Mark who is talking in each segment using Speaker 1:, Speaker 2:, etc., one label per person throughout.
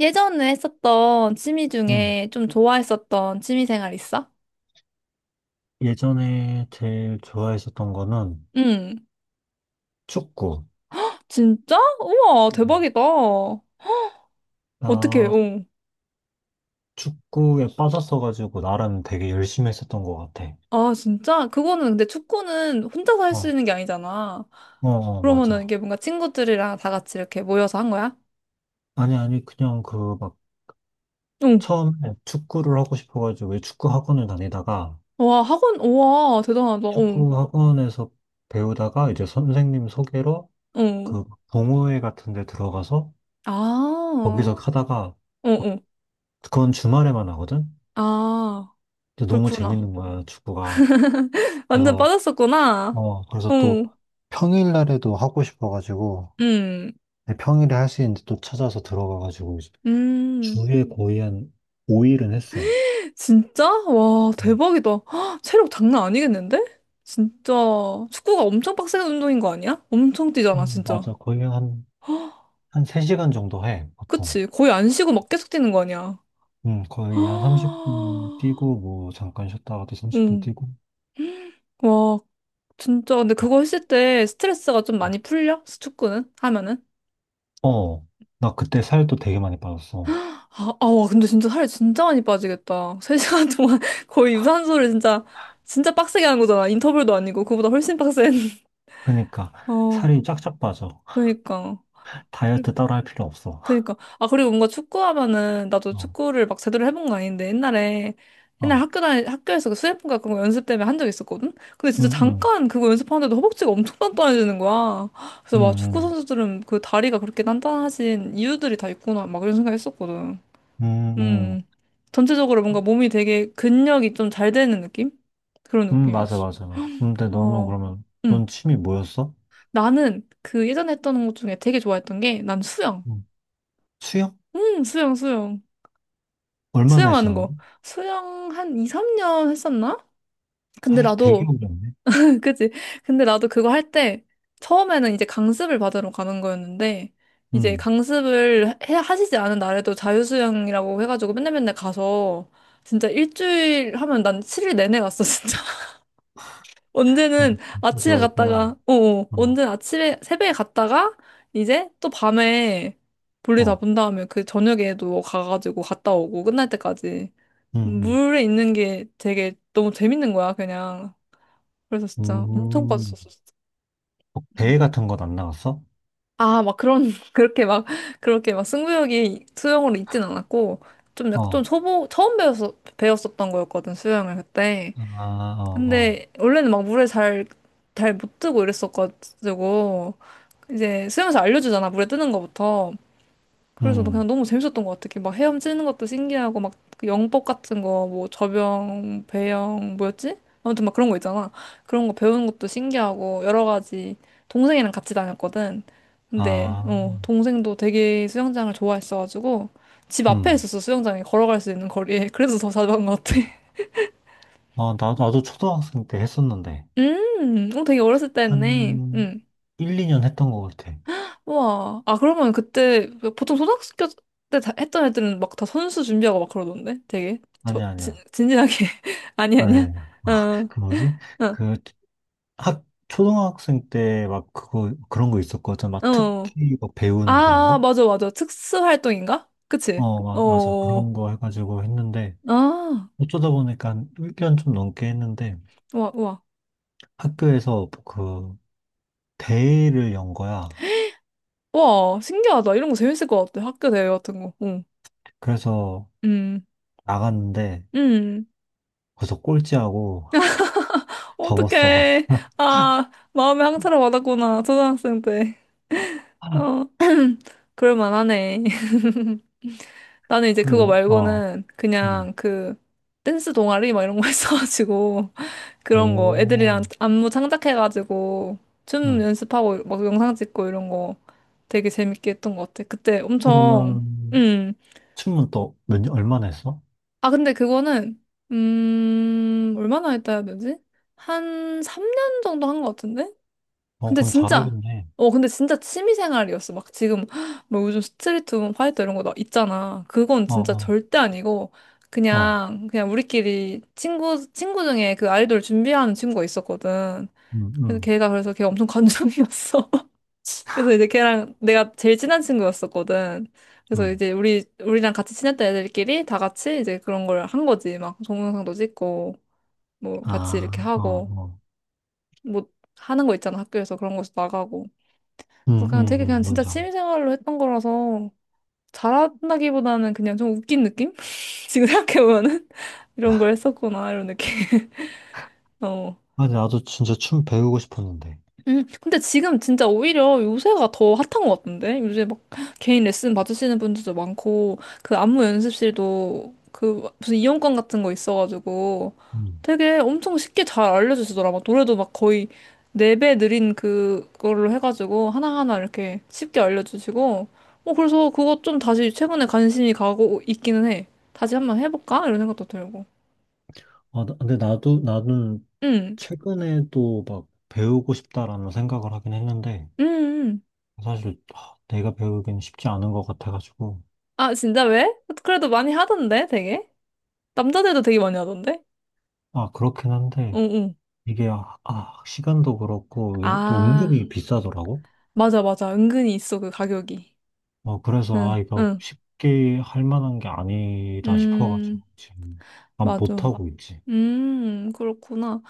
Speaker 1: 예전에 했었던 취미
Speaker 2: 음,
Speaker 1: 중에 좀 좋아했었던 취미 생활 있어?
Speaker 2: 예전에 제일 좋아했었던 거는
Speaker 1: 응.
Speaker 2: 축구.
Speaker 1: 진짜? 우와,
Speaker 2: 음.
Speaker 1: 대박이다. 어떻게,
Speaker 2: 나
Speaker 1: 어.
Speaker 2: 축구에 빠졌어가지고 나름 되게 열심히 했었던 것 같아.
Speaker 1: 아, 진짜? 그거는 근데 축구는 혼자서 할 수
Speaker 2: 어,
Speaker 1: 있는 게 아니잖아.
Speaker 2: 어, 어,
Speaker 1: 그러면은
Speaker 2: 맞아.
Speaker 1: 이게 뭔가 친구들이랑 다 같이 이렇게 모여서 한 거야?
Speaker 2: 아니, 아니, 그냥 그 막
Speaker 1: 응.
Speaker 2: 처음에 축구를 하고 싶어가지고 왜 축구 학원을 다니다가
Speaker 1: 와, 학원, 우와, 대단하다. 응.
Speaker 2: 축구 학원에서 배우다가 이제 선생님 소개로
Speaker 1: 응.
Speaker 2: 그 동호회 같은 데 들어가서
Speaker 1: 아,
Speaker 2: 거기서 하다가
Speaker 1: 응,
Speaker 2: 막
Speaker 1: 응.
Speaker 2: 그건 주말에만 하거든?
Speaker 1: 아,
Speaker 2: 근데 너무
Speaker 1: 그렇구나.
Speaker 2: 재밌는 거야, 축구가.
Speaker 1: 완전
Speaker 2: 그래서
Speaker 1: 빠졌었구나.
Speaker 2: 그래서
Speaker 1: 어.
Speaker 2: 또
Speaker 1: 응.
Speaker 2: 평일날에도 하고 싶어가지고,
Speaker 1: 음.
Speaker 2: 네, 평일에 할 수 있는데 또 찾아서 들어가가지고, 이제
Speaker 1: 음.
Speaker 2: 주에 거의 한 5일은 했어.
Speaker 1: 진짜? 와,
Speaker 2: 음,
Speaker 1: 대박이다. 헉, 체력 장난 아니겠는데? 진짜 축구가 엄청 빡센 운동인 거 아니야? 엄청 뛰잖아, 진짜.
Speaker 2: 맞아. 거의 한 3시간 정도 해, 보통.
Speaker 1: 그치? 거의 안 쉬고 막 계속 뛰는 거 아니야?
Speaker 2: 거의 한 30분
Speaker 1: 헉,
Speaker 2: 뛰고, 뭐, 잠깐 쉬었다가 또 30분
Speaker 1: 응.
Speaker 2: 뛰고.
Speaker 1: 와, 진짜. 근데
Speaker 2: 아,
Speaker 1: 그거 했을 때 스트레스가 좀
Speaker 2: 어,
Speaker 1: 많이 풀려? 축구는? 하면은?
Speaker 2: 어. 나 그때 살도 되게 많이 빠졌어.
Speaker 1: 아, 아, 와, 근데 진짜 살이 진짜 많이 빠지겠다. 3시간 동안 거의 유산소를 진짜, 진짜 빡세게 하는 거잖아. 인터벌도 아니고, 그거보다 훨씬 빡센.
Speaker 2: 그러니까,
Speaker 1: 어,
Speaker 2: 살이 쫙쫙 빠져.
Speaker 1: 그니까.
Speaker 2: 다이어트 따로 할 필요 없어.
Speaker 1: 그니까. 아, 그리고 뭔가 축구하면은, 나도
Speaker 2: 어,
Speaker 1: 축구를 막 제대로 해본 건 아닌데, 옛날에, 옛날
Speaker 2: 어,
Speaker 1: 학교 다니, 학교에서 그 수뇌품과 그런 거 연습 때문에 한 적 있었거든? 근데 진짜
Speaker 2: 응, 응,
Speaker 1: 잠깐 그거 연습하는데도 허벅지가 엄청 단단해지는 거야. 그래서 막 축구
Speaker 2: 응,
Speaker 1: 선수들은 그 다리가 그렇게 단단하신 이유들이 다 있구나. 막 이런 생각 했었거든.
Speaker 2: 응, 응,
Speaker 1: 음. 전체적으로 뭔가 몸이 되게 근력이 좀 잘 되는 느낌? 그런
Speaker 2: 맞아,
Speaker 1: 느낌이었어.
Speaker 2: 맞아, 맞아. 근데 너는
Speaker 1: 어.
Speaker 2: 그러면, 넌
Speaker 1: 음.
Speaker 2: 취미 뭐였어?
Speaker 1: 나는 그 예전에 했던 것 중에 되게 좋아했던 게, 난 수영.
Speaker 2: 음. 수영?
Speaker 1: 수영, 수영.
Speaker 2: 얼마나
Speaker 1: 수영하는 거.
Speaker 2: 했었는데?
Speaker 1: 수영 한 2, 3년 했었나? 근데
Speaker 2: 되게
Speaker 1: 나도,
Speaker 2: 오래 했네.
Speaker 1: 그치? 근데 나도 그거 할 때, 처음에는 이제 강습을 받으러 가는 거였는데, 이제
Speaker 2: 음,
Speaker 1: 강습을 해, 하시지 않은 날에도 자유수영이라고 해가지고 맨날 맨날 가서, 진짜 일주일 하면 난 7일 내내 갔어, 진짜. 언제는
Speaker 2: 음,
Speaker 1: 아침에
Speaker 2: 좋아했구나.
Speaker 1: 갔다가,
Speaker 2: 어,
Speaker 1: 언제는 아침에, 새벽에 갔다가, 이제 또 밤에 볼일 다
Speaker 2: 어,
Speaker 1: 본 다음에 그 저녁에도 가가지고 갔다 오고, 끝날 때까지.
Speaker 2: 음, 음.
Speaker 1: 물에 있는 게 되게 너무 재밌는 거야, 그냥. 그래서 진짜 엄청
Speaker 2: 음,
Speaker 1: 빠졌었어, 진짜.
Speaker 2: 뭐
Speaker 1: 음.
Speaker 2: 대회 같은 건 안 나갔어?
Speaker 1: 아, 막 그런, 그렇게 막, 그렇게 막 승부욕이 수영으로 있진 않았고, 좀 약간 좀
Speaker 2: 어,
Speaker 1: 초보, 처음 배웠어, 배웠었던 거였거든, 수영을 그때.
Speaker 2: 아, 어, 어,
Speaker 1: 근데 원래는 막 물에 잘, 잘 못 뜨고 이랬었가지고, 이제 수영에서 알려주잖아, 물에 뜨는 거부터. 그래서 나 그냥
Speaker 2: 음,
Speaker 1: 너무 재밌었던 것 같아. 이렇게 막 헤엄치는 것도 신기하고, 막그 영법 같은 거, 뭐 접영, 배영, 뭐였지? 아무튼 막 그런 거 있잖아. 그런 거 배우는 것도 신기하고, 여러 가지. 동생이랑 같이 다녔거든. 근데,
Speaker 2: 아,
Speaker 1: 동생도 되게 수영장을 좋아했어가지고, 집 앞에
Speaker 2: 음.
Speaker 1: 있었어, 수영장이. 걸어갈 수 있는 거리에. 그래서 더 자주 간 것 같아.
Speaker 2: 어, 나도 초등학생 때 했었는데,
Speaker 1: 되게 어렸을 때 했네.
Speaker 2: 한
Speaker 1: 음.
Speaker 2: 1, 2년 했던 것 같아.
Speaker 1: 우와. 아, 그러면 그때 보통 초등학교 때 다- 했던 애들은 막 다 선수 준비하고 막 그러던데? 되게
Speaker 2: 아니야, 아니야.
Speaker 1: 진지하게. 아니,
Speaker 2: 아니야,
Speaker 1: 아니야?
Speaker 2: 아니야. 어,
Speaker 1: 어,
Speaker 2: 그 뭐지?
Speaker 1: 어,
Speaker 2: 그 초등학생 때 막 그런 거 있었거든.
Speaker 1: 어.
Speaker 2: 막 특기 막 배우는 그런
Speaker 1: 아, 아,
Speaker 2: 거?
Speaker 1: 맞아, 맞아. 특수 활동인가? 그치?
Speaker 2: 어, 맞아.
Speaker 1: 어,
Speaker 2: 그런 거 해가지고 했는데,
Speaker 1: 아,
Speaker 2: 어쩌다 보니까 한 1년 좀 넘게 했는데,
Speaker 1: 우와, 우와.
Speaker 2: 학교에서 그 대회를 연 거야.
Speaker 1: 우와, 신기하다. 이런 거 재밌을 것 같아. 학교 대회 같은 거. 응.
Speaker 2: 그래서
Speaker 1: 음,
Speaker 2: 나갔는데,
Speaker 1: 음.
Speaker 2: 거기서 꼴찌하고 접었어.
Speaker 1: 어떡해. 아, 마음에 항차를 받았구나. 초등학생 때. 어, 그럴만하네. 나는 이제 그거
Speaker 2: 그리고.
Speaker 1: 말고는
Speaker 2: 음.
Speaker 1: 그냥 그 댄스 동아리 막 이런 거 했어가지고 그런 거 애들이랑
Speaker 2: 오,
Speaker 1: 안무 창작해가지고 춤
Speaker 2: 응.
Speaker 1: 연습하고 막 영상 찍고 이런 거 되게 재밌게 했던 것 같아. 그때 엄청.
Speaker 2: 그러면
Speaker 1: 음.
Speaker 2: 춤은 또 몇 년, 얼마나 했어?
Speaker 1: 아 근데 그거는 얼마나 했다 해야 되지? 한 3년 정도 한 것 같은데?
Speaker 2: 어,
Speaker 1: 근데
Speaker 2: 그럼
Speaker 1: 진짜,
Speaker 2: 잘하겠네.
Speaker 1: 근데 진짜 취미생활이었어. 막 지금, 뭐 요즘 스트리트 우먼 파이터 이런 거 나 있잖아. 그건
Speaker 2: 어,
Speaker 1: 진짜
Speaker 2: 어,
Speaker 1: 절대 아니고,
Speaker 2: 어,
Speaker 1: 그냥 우리끼리 친구 중에 그 아이돌 준비하는 친구가 있었거든.
Speaker 2: 응, 응,
Speaker 1: 그래서 걔 엄청 관종이었어. 그래서 이제 걔랑 내가 제일 친한 친구였었거든. 그래서
Speaker 2: 응.
Speaker 1: 이제 우리랑 같이 친했던 애들끼리 다 같이 이제 그런 걸 한 거지. 막 동영상도 찍고, 뭐 같이 이렇게
Speaker 2: 아, 어,
Speaker 1: 하고,
Speaker 2: 어.
Speaker 1: 뭐 하는 거 있잖아. 학교에서 그런 거에서 나가고. 그래서
Speaker 2: 응,
Speaker 1: 그냥
Speaker 2: 응,
Speaker 1: 되게 그냥
Speaker 2: 응,
Speaker 1: 진짜
Speaker 2: 뭔지 알아.
Speaker 1: 취미생활로 했던 거라서 잘한다기보다는 그냥 좀 웃긴 느낌? 지금 생각해보면은 이런 걸 했었구나 이런 느낌. 어.
Speaker 2: 아니, 나도 진짜 춤 배우고 싶었는데.
Speaker 1: 근데 지금 진짜 오히려 요새가 더 핫한 것 같은데? 요새 막 개인 레슨 받으시는 분들도 많고, 그 안무 연습실도 그 무슨 이용권 같은 거 있어가지고
Speaker 2: 음.
Speaker 1: 되게 엄청 쉽게 잘 알려주시더라. 막 노래도 막 거의 4배 느린 그걸로 해가지고 하나하나 이렇게 쉽게 알려주시고, 그래서 그거 좀 다시 최근에 관심이 가고 있기는 해. 다시 한번 해볼까? 이런 생각도 들고.
Speaker 2: 아, 근데 나는
Speaker 1: 음,
Speaker 2: 최근에도 막 배우고 싶다라는 생각을 하긴 했는데,
Speaker 1: 음, 음.
Speaker 2: 사실 아, 내가 배우기는 쉽지 않은 것 같아가지고.
Speaker 1: 아, 진짜 왜? 그래도 많이 하던데, 되게? 남자들도 되게 많이 하던데?
Speaker 2: 아, 그렇긴 한데,
Speaker 1: 응, 응.
Speaker 2: 이게, 시간도 그렇고, 이게 또
Speaker 1: 아,
Speaker 2: 은근히 비싸더라고.
Speaker 1: 맞아, 맞아. 은근히 있어, 그 가격이.
Speaker 2: 어, 그래서,
Speaker 1: 응,
Speaker 2: 아, 이거
Speaker 1: 응.
Speaker 2: 쉽게 할 만한 게 아니다 싶어가지고,
Speaker 1: 음,
Speaker 2: 지금, 안
Speaker 1: 맞아.
Speaker 2: 못하고 있지.
Speaker 1: 그렇구나.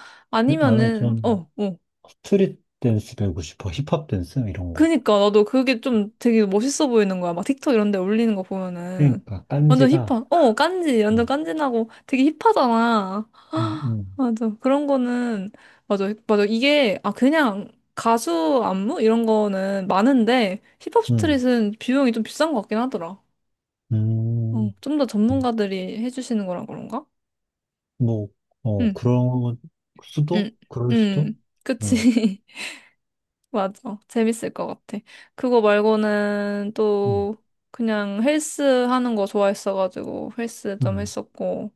Speaker 2: 근데 나는
Speaker 1: 아니면은,
Speaker 2: 좀,
Speaker 1: 어, 어.
Speaker 2: 스트릿 댄스 배우고 싶어. 힙합 댄스 이런 거.
Speaker 1: 그니까 나도 그게 좀 되게 멋있어 보이는 거야. 막 틱톡 이런 데 올리는 거 보면은
Speaker 2: 그러니까
Speaker 1: 완전
Speaker 2: 딴지가
Speaker 1: 힙한. 어, 깐지. 완전
Speaker 2: 뭐,
Speaker 1: 깐지나고 되게 힙하잖아.
Speaker 2: 음, 음,
Speaker 1: 맞아. 그런 거는 맞아. 맞아. 이게 그냥 가수 안무 이런 거는 많은데 힙합
Speaker 2: 음,
Speaker 1: 스트릿은 비용이 좀 비싼 것 같긴 하더라. 어,
Speaker 2: 음,
Speaker 1: 좀 더 전문가들이 해주시는 거라 그런가?
Speaker 2: 뭐, 어,
Speaker 1: 응,
Speaker 2: 그런
Speaker 1: 응,
Speaker 2: 수도? 그럴 수도?
Speaker 1: 응.
Speaker 2: 음,
Speaker 1: 그치. 맞아. 재밌을 것 같아. 그거 말고는
Speaker 2: 음,
Speaker 1: 또 그냥 헬스 하는 거 좋아했어가지고 헬스 좀
Speaker 2: 음,
Speaker 1: 했었고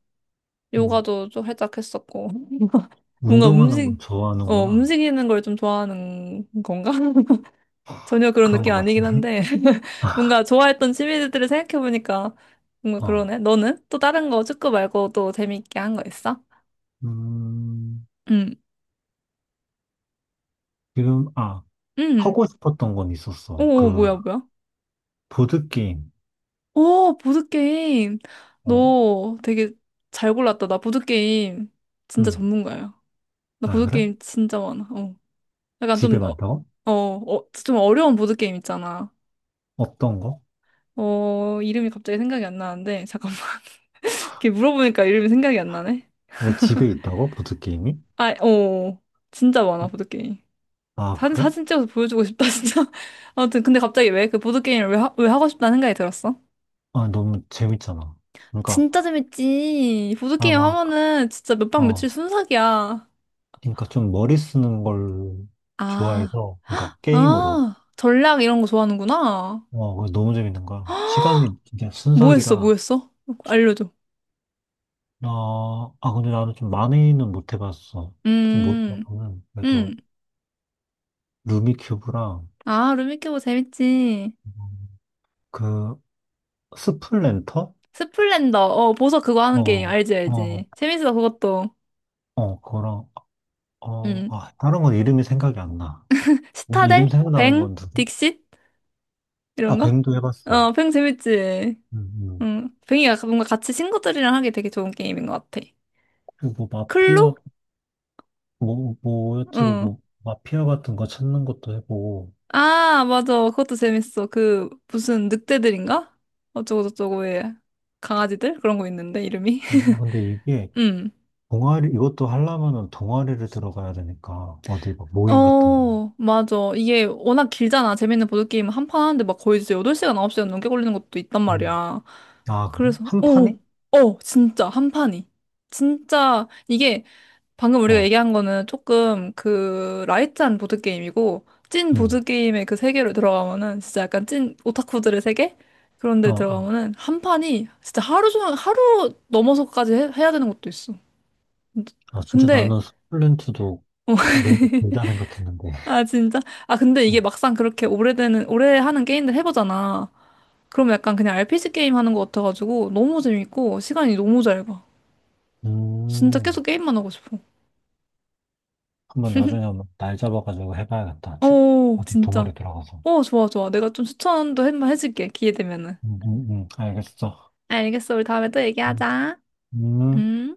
Speaker 2: 음.
Speaker 1: 요가도 좀 살짝 했었고. 뭔가
Speaker 2: 운동하는 걸 좋아하는구나.
Speaker 1: 움직이는 걸 좀 좋아하는 건가? 전혀 그런
Speaker 2: 그런
Speaker 1: 느낌
Speaker 2: 것
Speaker 1: 아니긴
Speaker 2: 같은데?
Speaker 1: 한데. 뭔가 좋아했던 취미들을 생각해보니까 뭔가
Speaker 2: 어,
Speaker 1: 그러네. 너는 또 다른 거 축구 말고 또 재밌게 한 거 있어?
Speaker 2: 음,
Speaker 1: 응.
Speaker 2: 지금, 아,
Speaker 1: 응.
Speaker 2: 하고 싶었던 건 있었어.
Speaker 1: 오,
Speaker 2: 그,
Speaker 1: 뭐야 뭐야?
Speaker 2: 보드게임.
Speaker 1: 오, 보드게임.
Speaker 2: 어,
Speaker 1: 너 되게 잘 골랐다. 나 보드게임 진짜
Speaker 2: 음.
Speaker 1: 전문가야. 나
Speaker 2: 아, 그래?
Speaker 1: 보드게임 진짜 많아. 어. 약간
Speaker 2: 집에
Speaker 1: 좀,
Speaker 2: 많다고?
Speaker 1: 좀 어려운 보드게임 있잖아.
Speaker 2: 어떤 거?
Speaker 1: 이름이 갑자기 생각이 안 나는데, 잠깐만. 이렇게 물어보니까 이름이 생각이 안 나네.
Speaker 2: 왜 집에 있다고? 보드게임이?
Speaker 1: 아, 진짜 많아, 보드게임.
Speaker 2: 아, 그래?
Speaker 1: 사진 찍어서 보여주고 싶다, 진짜. 아무튼, 근데 갑자기 왜 그 보드게임을 왜 하고 싶다는 생각이 들었어?
Speaker 2: 아, 너무 재밌잖아. 그러니까,
Speaker 1: 진짜 재밌지.
Speaker 2: 아,
Speaker 1: 보드게임
Speaker 2: 막,
Speaker 1: 하면은 진짜 몇 박 며칠
Speaker 2: 어,
Speaker 1: 순삭이야.
Speaker 2: 그러니까 좀 머리 쓰는 걸
Speaker 1: 아,
Speaker 2: 좋아해서, 그러니까 게임으로,
Speaker 1: 아, 전략 이런 거 좋아하는구나.
Speaker 2: 어, 그거 너무 재밌는 거야. 시간이 진짜
Speaker 1: 뭐 했어, 뭐
Speaker 2: 순삭이라,
Speaker 1: 했어? 알려줘.
Speaker 2: 어, 아, 근데 나는 좀 많이는 못 해봤어. 좀 못
Speaker 1: 음,
Speaker 2: 해봤거든. 그래도,
Speaker 1: 음.
Speaker 2: 루미큐브랑,
Speaker 1: 아, 루미큐브 재밌지.
Speaker 2: 음, 그, 스플랜터?
Speaker 1: 스플렌더, 보석 그거 하는 게임,
Speaker 2: 어,
Speaker 1: 알지,
Speaker 2: 어,
Speaker 1: 알지. 재밌어, 그것도.
Speaker 2: 어, 그거랑, 어,
Speaker 1: 음.
Speaker 2: 아, 다른 건 이름이 생각이 안 나.
Speaker 1: 스타델?
Speaker 2: 이름 생각나는
Speaker 1: 뱅?
Speaker 2: 건 누구?
Speaker 1: 딕싯? 이런
Speaker 2: 아,
Speaker 1: 거?
Speaker 2: 뱅도 해봤어.
Speaker 1: 어, 뱅 재밌지.
Speaker 2: 음, 음.
Speaker 1: 응. 뱅이가 뭔가 같이 친구들이랑 하기 되게 좋은 게임인 것 같아.
Speaker 2: 그리고 마피아
Speaker 1: 클로?
Speaker 2: 뭐, 뭐, 여치고
Speaker 1: 응.
Speaker 2: 뭐, 마피아 같은 거 찾는 것도 해보고.
Speaker 1: 아, 맞아. 그것도 재밌어. 그, 무슨 늑대들인가? 어쩌고저쩌고의 강아지들? 그런 거 있는데, 이름이.
Speaker 2: 아, 근데 이게,
Speaker 1: 응.
Speaker 2: 동아리, 이것도 하려면은 동아리를 들어가야 되니까, 어디 막 모임 같은 거.
Speaker 1: 어, 맞아. 이게 워낙 길잖아. 재밌는 보드게임은 한 판 하는데 막 거의 진짜 8시간, 9시간 넘게 걸리는 것도 있단
Speaker 2: 음.
Speaker 1: 말이야.
Speaker 2: 아, 그래?
Speaker 1: 그래서,
Speaker 2: 한 판이?
Speaker 1: 진짜, 한 판이. 진짜, 이게 방금 우리가
Speaker 2: 어,
Speaker 1: 얘기한 거는 조금 그 라이트한 보드게임이고, 찐
Speaker 2: 응.
Speaker 1: 보드게임의 그 세계로 들어가면은 진짜 약간 찐 오타쿠들의 세계? 그런 데
Speaker 2: 아,
Speaker 1: 들어가면은 한 판이 진짜 하루 종일, 하루 넘어서까지 해야 되는 것도 있어.
Speaker 2: 아, 진짜
Speaker 1: 근데,
Speaker 2: 나는 스플렌트도
Speaker 1: 어,
Speaker 2: 너무 길다 생각했는데.
Speaker 1: 아, 진짜? 아, 근데
Speaker 2: 어.
Speaker 1: 이게 막상 그렇게 오래되는, 오래 하는 게임들 해보잖아. 그럼 약간 그냥 RPG 게임 하는 것 같아가지고 너무 재밌고 시간이 너무 잘 가. 진짜
Speaker 2: 음,
Speaker 1: 계속 게임만 하고 싶어.
Speaker 2: 한번 나중에 한번 날 잡아가지고 해봐야겠다.
Speaker 1: 오,
Speaker 2: 어디
Speaker 1: 진짜.
Speaker 2: 동아리 들어가서.
Speaker 1: 오, 좋아, 좋아. 내가 좀 추천도 한번 해줄게. 기회 되면은.
Speaker 2: 알겠어.
Speaker 1: 알겠어. 우리 다음에 또
Speaker 2: 음.
Speaker 1: 얘기하자.
Speaker 2: 음.
Speaker 1: 응?